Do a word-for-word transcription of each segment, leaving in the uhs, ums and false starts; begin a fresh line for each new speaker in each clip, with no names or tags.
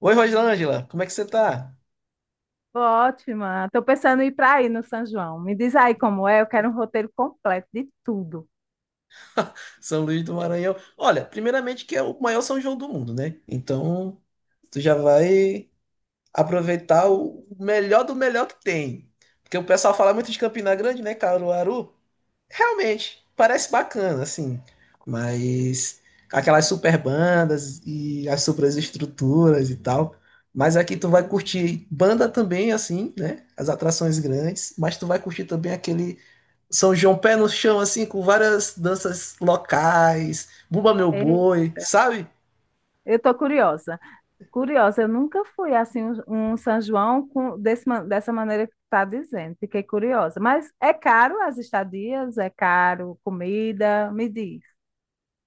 Oi, Rosângela, como é que você tá?
Ótima. Estou pensando em ir para aí no São João. Me diz aí como é. Eu quero um roteiro completo de tudo.
São Luís do Maranhão. Olha, primeiramente que é o maior São João do mundo, né? Então, tu já vai aproveitar o melhor do melhor que tem. Porque o pessoal fala muito de Campina Grande, né, Caruaru? Realmente, parece bacana, assim. Mas aquelas super bandas e as super estruturas e tal. Mas aqui tu vai curtir banda também, assim, né? As atrações grandes. Mas tu vai curtir também aquele São João pé no chão, assim, com várias danças locais, Bumba Meu
É,
Boi, sabe?
eu estou curiosa. Curiosa, eu nunca fui assim um um São João com, desse ma- dessa maneira que tu está dizendo. Fiquei curiosa. Mas é caro as estadias? É caro comida? Me diz.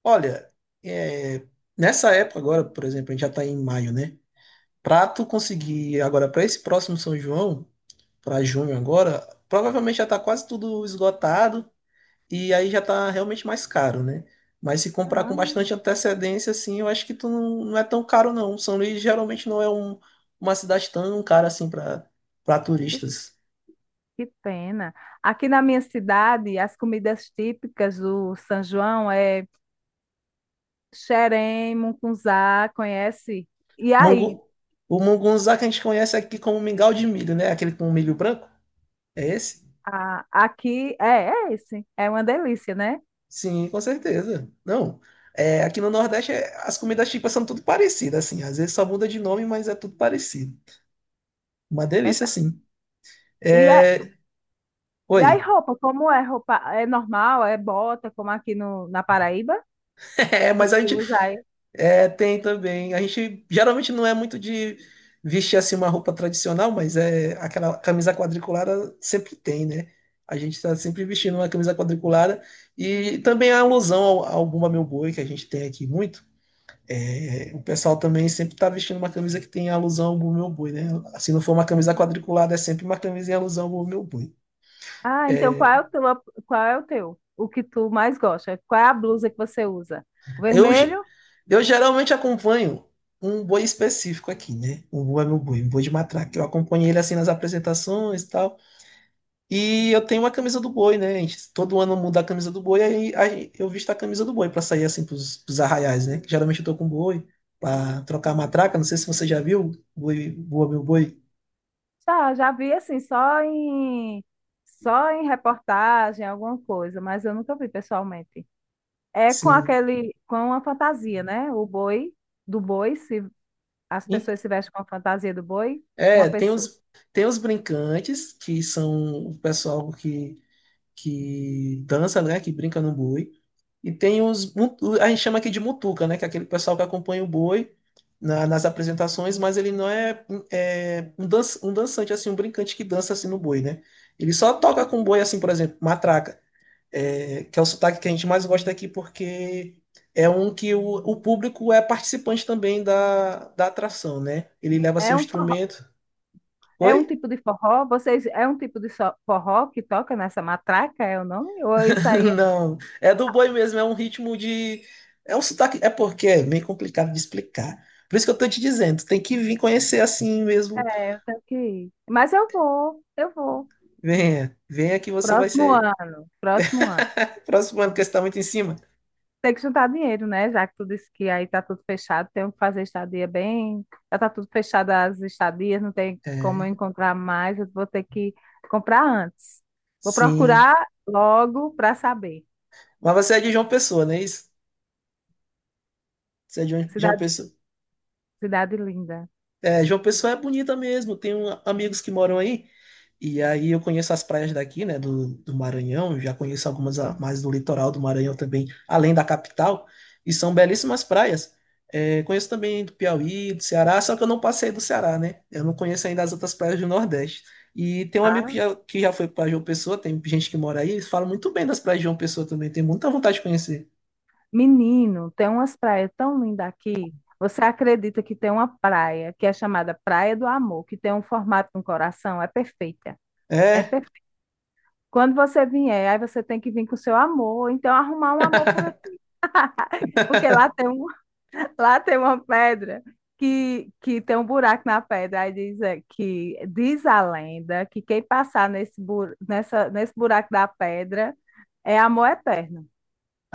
Olha, é, nessa época agora, por exemplo, a gente já tá em maio, né? Pra tu conseguir agora, pra esse próximo São João, pra junho agora, provavelmente já tá quase tudo esgotado e aí já tá realmente mais caro, né? Mas se comprar com
Ah,
bastante antecedência, assim, eu acho que tu não, não é tão caro, não. São Luís geralmente não é um, uma cidade tão cara assim pra para
que,
turistas.
que pena. Aqui na minha cidade, as comidas típicas do São João é xerém, mungunzá, conhece? E aí,
Mungu, o mungunzá que a gente conhece aqui como mingau de milho, né? Aquele com milho branco? É esse?
ah, aqui é, é esse. É uma delícia, né?
Sim, com certeza. Não. É, aqui no Nordeste é- as comidas típicas são tudo parecidas, assim. Às vezes só muda de nome, mas é tudo parecido. Uma
É,
delícia,
tá.
assim.
E, a,
É.
e aí,
Oi.
roupa, como é roupa? É normal? É bota, como aqui no, na Paraíba?
É,
Que
mas a
se
gente
usa aí?
É, tem também. A gente geralmente não é muito de vestir assim uma roupa tradicional, mas é aquela camisa quadriculada sempre tem, né? A gente está sempre vestindo uma camisa quadriculada e também a alusão ao, ao Bumba Meu Boi que a gente tem aqui muito. É, o pessoal também sempre está vestindo uma camisa que tem alusão ao Bumba Meu Boi, né? Se não for uma camisa quadriculada, é sempre uma camisa em alusão ao Bumba Meu Boi.
Ah, então qual é o teu, qual é o teu? O que tu mais gosta? Qual é a blusa que você usa? O
Eu, ge-
vermelho?
eu geralmente acompanho um boi específico aqui, né? O boi é meu boi, um boi de matraca. Eu acompanho ele assim nas apresentações e tal. E eu tenho uma camisa do boi, né? A gente? Todo ano muda a camisa do boi, aí, aí eu visto a camisa do boi pra sair assim pros, pros arraiais, né? Que geralmente eu tô com boi pra trocar a matraca. Não sei se você já viu, boi, boa meu boi.
Já, já vi assim, só em só em reportagem, alguma coisa, mas eu nunca vi pessoalmente. É com
Sim.
aquele, com a fantasia, né? O boi, do boi, se As
E-
pessoas se vestem com a fantasia do boi, uma
É, tem
pessoa.
os, tem os brincantes, que são o pessoal que, que dança, né? Que brinca no boi. E tem os. mutu- A gente chama aqui de mutuca, né? Que é aquele pessoal que acompanha o boi na- nas apresentações, mas ele não é, é, um, dan- um dançante, assim, um brincante que dança assim no boi, né? Ele só toca com o boi, assim, por exemplo, matraca, é, que é o sotaque que a gente mais gosta aqui, porque é um que o, o público é participante também da, da atração, né? Ele leva seu
É um forró,
instrumento.
É
Oi?
um tipo de forró? Vocês é um tipo de só- forró que toca nessa matraca, é o nome? Ou isso aí
Não, é do boi mesmo, é um ritmo de. É um sotaque. É porque é meio complicado de explicar. Por isso que eu tô te dizendo, tu tem que vir conhecer assim mesmo.
é, eu tenho que ir. Mas eu vou, eu vou.
Venha, venha que você vai
Próximo
ser.
ano, próximo ano.
Próximo ano, porque você tá muito em cima.
Tem que juntar dinheiro, né? Já que tu disse que aí tá tudo fechado, tem que fazer estadia bem. Já tá tudo fechado as estadias, não tem como eu
É,
encontrar mais, eu vou ter que comprar antes. Vou
sim.
procurar logo para saber.
Mas você é de João Pessoa, não é isso? Você é de João João
Cidade,
Pessoa.
cidade linda.
É, João Pessoa é bonita mesmo. Tenho amigos que moram aí. E aí eu conheço as praias daqui, né, do, do Maranhão. Já conheço algumas a- mais do litoral do Maranhão também, além da capital. E são belíssimas praias. É, conheço também do Piauí, do Ceará, só que eu não passei do Ceará, né? Eu não conheço ainda as outras praias do Nordeste. E tem um amigo que
Ah,
já, que já foi para João Pessoa, tem gente que mora aí, eles falam muito bem das praias de João Pessoa também, tem muita vontade de conhecer.
menino, tem umas praias tão lindas aqui. Você acredita que tem uma praia que é chamada Praia do Amor, que tem um formato de um coração? É perfeita. É
É,
perfeita. Quando você vier, aí você tem que vir com o seu amor, então arrumar um amor por aqui. Porque lá tem um, lá tem uma pedra que, que tem um buraco na pedra. Aí diz é, que diz a lenda que quem passar nesse, bu- nessa, nesse buraco da pedra é amor eterno.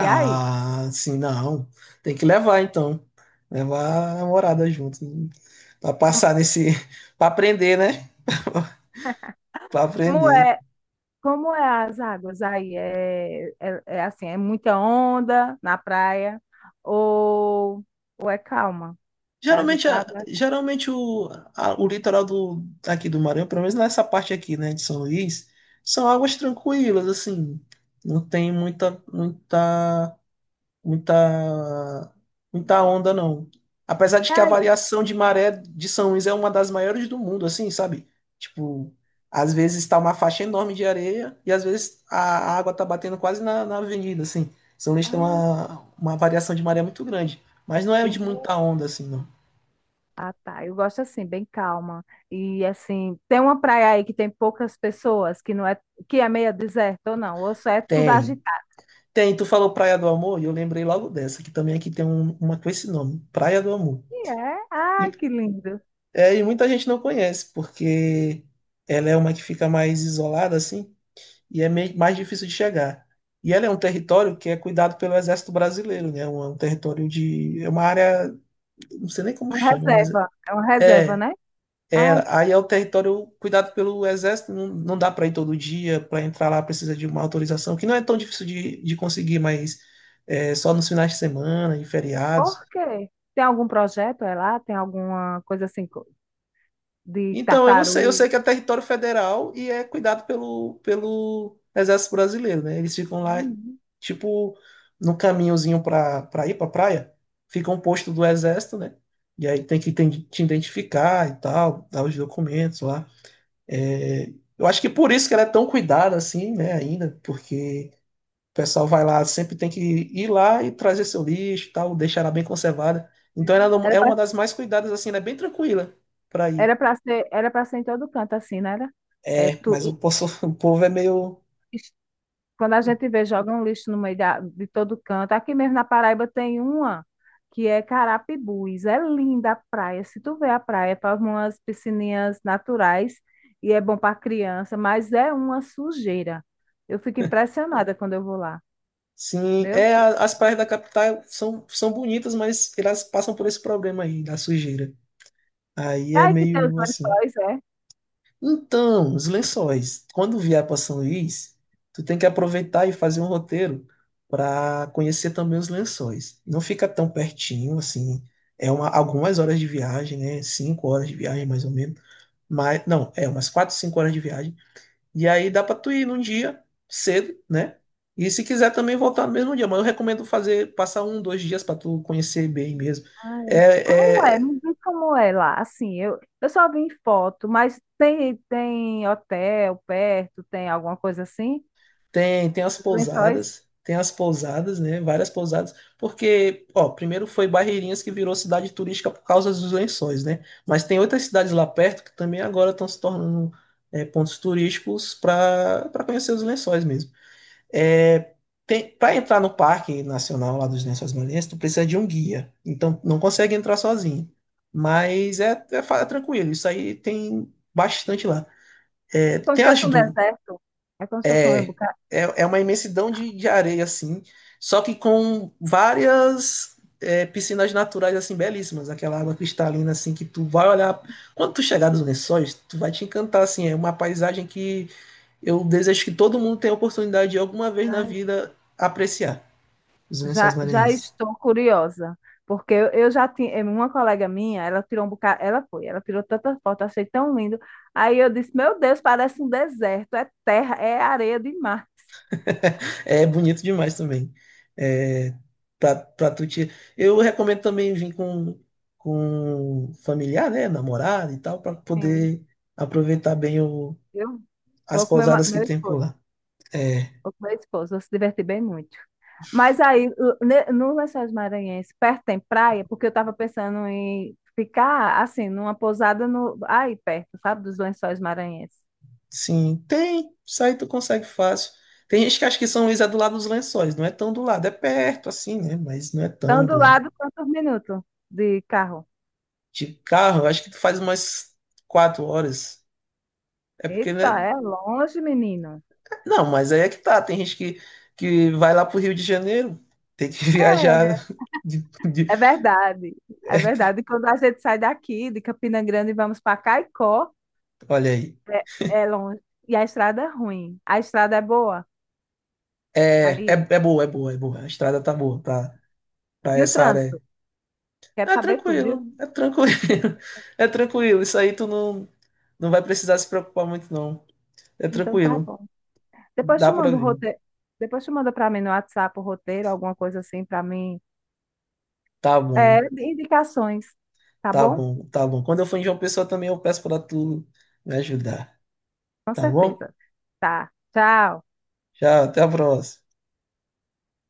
E aí?
sim, não. Tem que levar então. Levar a namorada junto. Pra passar nesse, pra aprender, né? Pra aprender.
Como é as águas aí? É, é, é assim, é muita onda na praia ou, ou é calma? É
Geralmente, a-
agitado?
geralmente o, a- o litoral do aqui do Maranhão, pelo menos nessa parte aqui, né, de São Luís, são águas tranquilas, assim. Não tem muita, muita muita, muita onda, não. Apesar de que a
Ai,
variação de maré de São Luís é uma das maiores do mundo, assim, sabe? Tipo, às vezes está uma faixa enorme de areia e às vezes a água tá batendo quase na, na avenida, assim. São Luís tem
ah,
uma, uma variação de maré muito grande, mas não é de
entendeu?
muita onda, assim, não.
Ah, tá. Eu gosto assim, bem calma. E assim, tem uma praia aí que tem poucas pessoas, que não é, que é meio deserto ou não, ou só é tudo
Tem.
agitado.
Tem, tu falou Praia do Amor e eu lembrei logo dessa, que também aqui tem um- uma com esse nome, Praia do Amor.
E é?
E,
Ai, que lindo.
é, e muita gente não conhece, porque ela é uma que fica mais isolada, assim, e é meio, mais difícil de chegar. E ela é um território que é cuidado pelo Exército Brasileiro, né? É um, é um território de. É uma área. Não sei nem como
Uma
chama, mas.
reserva, é uma reserva,
É,
né?
é.
Ai,
é,
que...
Aí é o território cuidado pelo Exército, não, não dá para ir todo dia, para entrar lá precisa de uma autorização, que não é tão difícil de, de conseguir, mas é, só nos finais de semana, em feriados.
por quê? Tem algum projeto é lá? Tem alguma coisa assim co- de
Então, eu não sei, eu
tartaruga?
sei que é território federal e é cuidado pelo, pelo Exército Brasileiro, né? Eles ficam lá, tipo, no caminhozinho para pra pra ir pra praia, fica um posto do Exército, né? E aí tem que te te identificar e tal, dar os documentos lá. É, eu acho que por isso que ela é tão cuidada assim, né, ainda, porque o pessoal vai lá, sempre tem que ir lá e trazer seu lixo e tal, deixar ela bem conservada. Então
Hum.
ela
Era
é
pra,
uma das mais cuidadas, assim, ela é bem tranquila para ir.
era pra ser, era pra ser em todo canto, assim, né? Era? É,
É, mas o,
tu,
poço- o povo é meio.
is- quando a gente vê, joga um lixo no meio da, de todo canto. Aqui mesmo na Paraíba tem uma que é Carapibus. É linda a praia. Se tu vê a praia, é para umas piscininhas naturais e é bom para criança, mas é uma sujeira. Eu fico impressionada quando eu vou lá.
Sim,
Meu
é,
Deus.
a- as praias da capital são, são bonitas, mas elas passam por esse problema aí, da sujeira. Aí
É
é
aí que tem os
meio assim.
lençóis, é?
Então, os lençóis. Quando vier para São Luís, tu tem que aproveitar e fazer um roteiro para conhecer também os lençóis. Não fica tão pertinho, assim. É uma, algumas horas de viagem, né? Cinco horas de viagem, mais ou menos. Mas, não, é umas quatro, cinco horas de viagem. E aí dá para tu ir num dia cedo, né? E se quiser também voltar no mesmo dia. Mas eu recomendo fazer, passar um, dois dias para tu conhecer bem mesmo.
Ai, como é?
É, é,
Me diz como é lá. Assim, eu, eu só vi em foto, mas tem, tem hotel perto, tem alguma coisa assim?
tem, tem as
Os Lençóis?
pousadas, tem as pousadas, né? Várias pousadas, porque, ó, primeiro foi Barreirinhas que virou cidade turística por causa dos lençóis, né? Mas tem outras cidades lá perto que também agora estão se tornando é, pontos turísticos para para conhecer os lençóis mesmo. É, tem, para entrar no Parque Nacional lá dos Lençóis Maranhenses, tu precisa de um guia, então não consegue entrar sozinho. Mas é, é, fa- é tranquilo, isso aí tem bastante lá. É,
Como se
tem as
fosse um
dunas.
deserto. É como se fosse um
É,
bocado.
é é uma imensidão de, de areia, assim, só que com várias é, piscinas naturais, assim, belíssimas. Aquela água cristalina, assim, que tu vai olhar. Quando tu chegar dos Lençóis, tu vai te encantar, assim. É uma paisagem que eu desejo que todo mundo tenha a oportunidade de alguma vez na
Ai,
vida apreciar. Os Lençóis
já, já
Maranhenses.
estou curiosa, porque eu, eu já tinha. Uma colega minha, ela tirou um bocado. Ela foi, ela tirou tanta foto, achei tão lindo. Aí eu disse: Meu Deus, parece um deserto, é terra, é areia de mar.
É bonito demais também. É, pra, pra tu te... Eu recomendo também vir com, com familiar, né? Namorado e tal, para
Sim.
poder aproveitar bem o,
Eu
as
vou com meu, ma-
pousadas que
meu
tem por
esposo,
lá. É,
vou com meu esposo, vou se divertir bem muito. Mas aí, ne- no Lençóis Maranhenses, perto tem praia, porque eu estava pensando em ficar, assim, numa pousada no, aí perto, sabe, dos Lençóis Maranhenses.
sim, tem. Isso aí tu consegue fácil. Tem gente que acha que São Luís é do lado dos Lençóis. Não é tão do lado. É perto, assim, né? Mas não é
Então,
tão do
do
lado.
lado, quantos minutos de carro?
De carro, eu acho que tu faz umas quatro horas. É porque,
Eita,
né,
é longe, menino.
não, mas aí é que tá. Tem gente que, que vai lá pro Rio de Janeiro, tem que viajar.
É,
De- de-
é verdade. É
é,
verdade. Quando a gente sai daqui, de Campina Grande, e vamos para Caicó,
olha aí.
é, é longe. E a estrada é ruim. A estrada é boa.
É, é,
Aí.
é boa, é boa, é boa. A estrada tá boa pra, pra
E o
essa área.
trânsito? Quero
É
saber tudo,
tranquilo,
viu?
é tranquilo. É tranquilo. Isso aí tu não, não vai precisar se preocupar muito, não. É
Então, tá
tranquilo.
bom. Depois te
Dá pra
manda o
vir.
roteiro. Depois te manda para mim no WhatsApp o roteiro, alguma coisa assim para mim.
Tá
É,
bom,
indicações, tá
tá
bom?
bom, tá bom. Quando eu for em João Pessoa também eu peço pra tu me ajudar.
Com
Tá bom?
certeza. Tá. Tchau.
Tchau, até a próxima.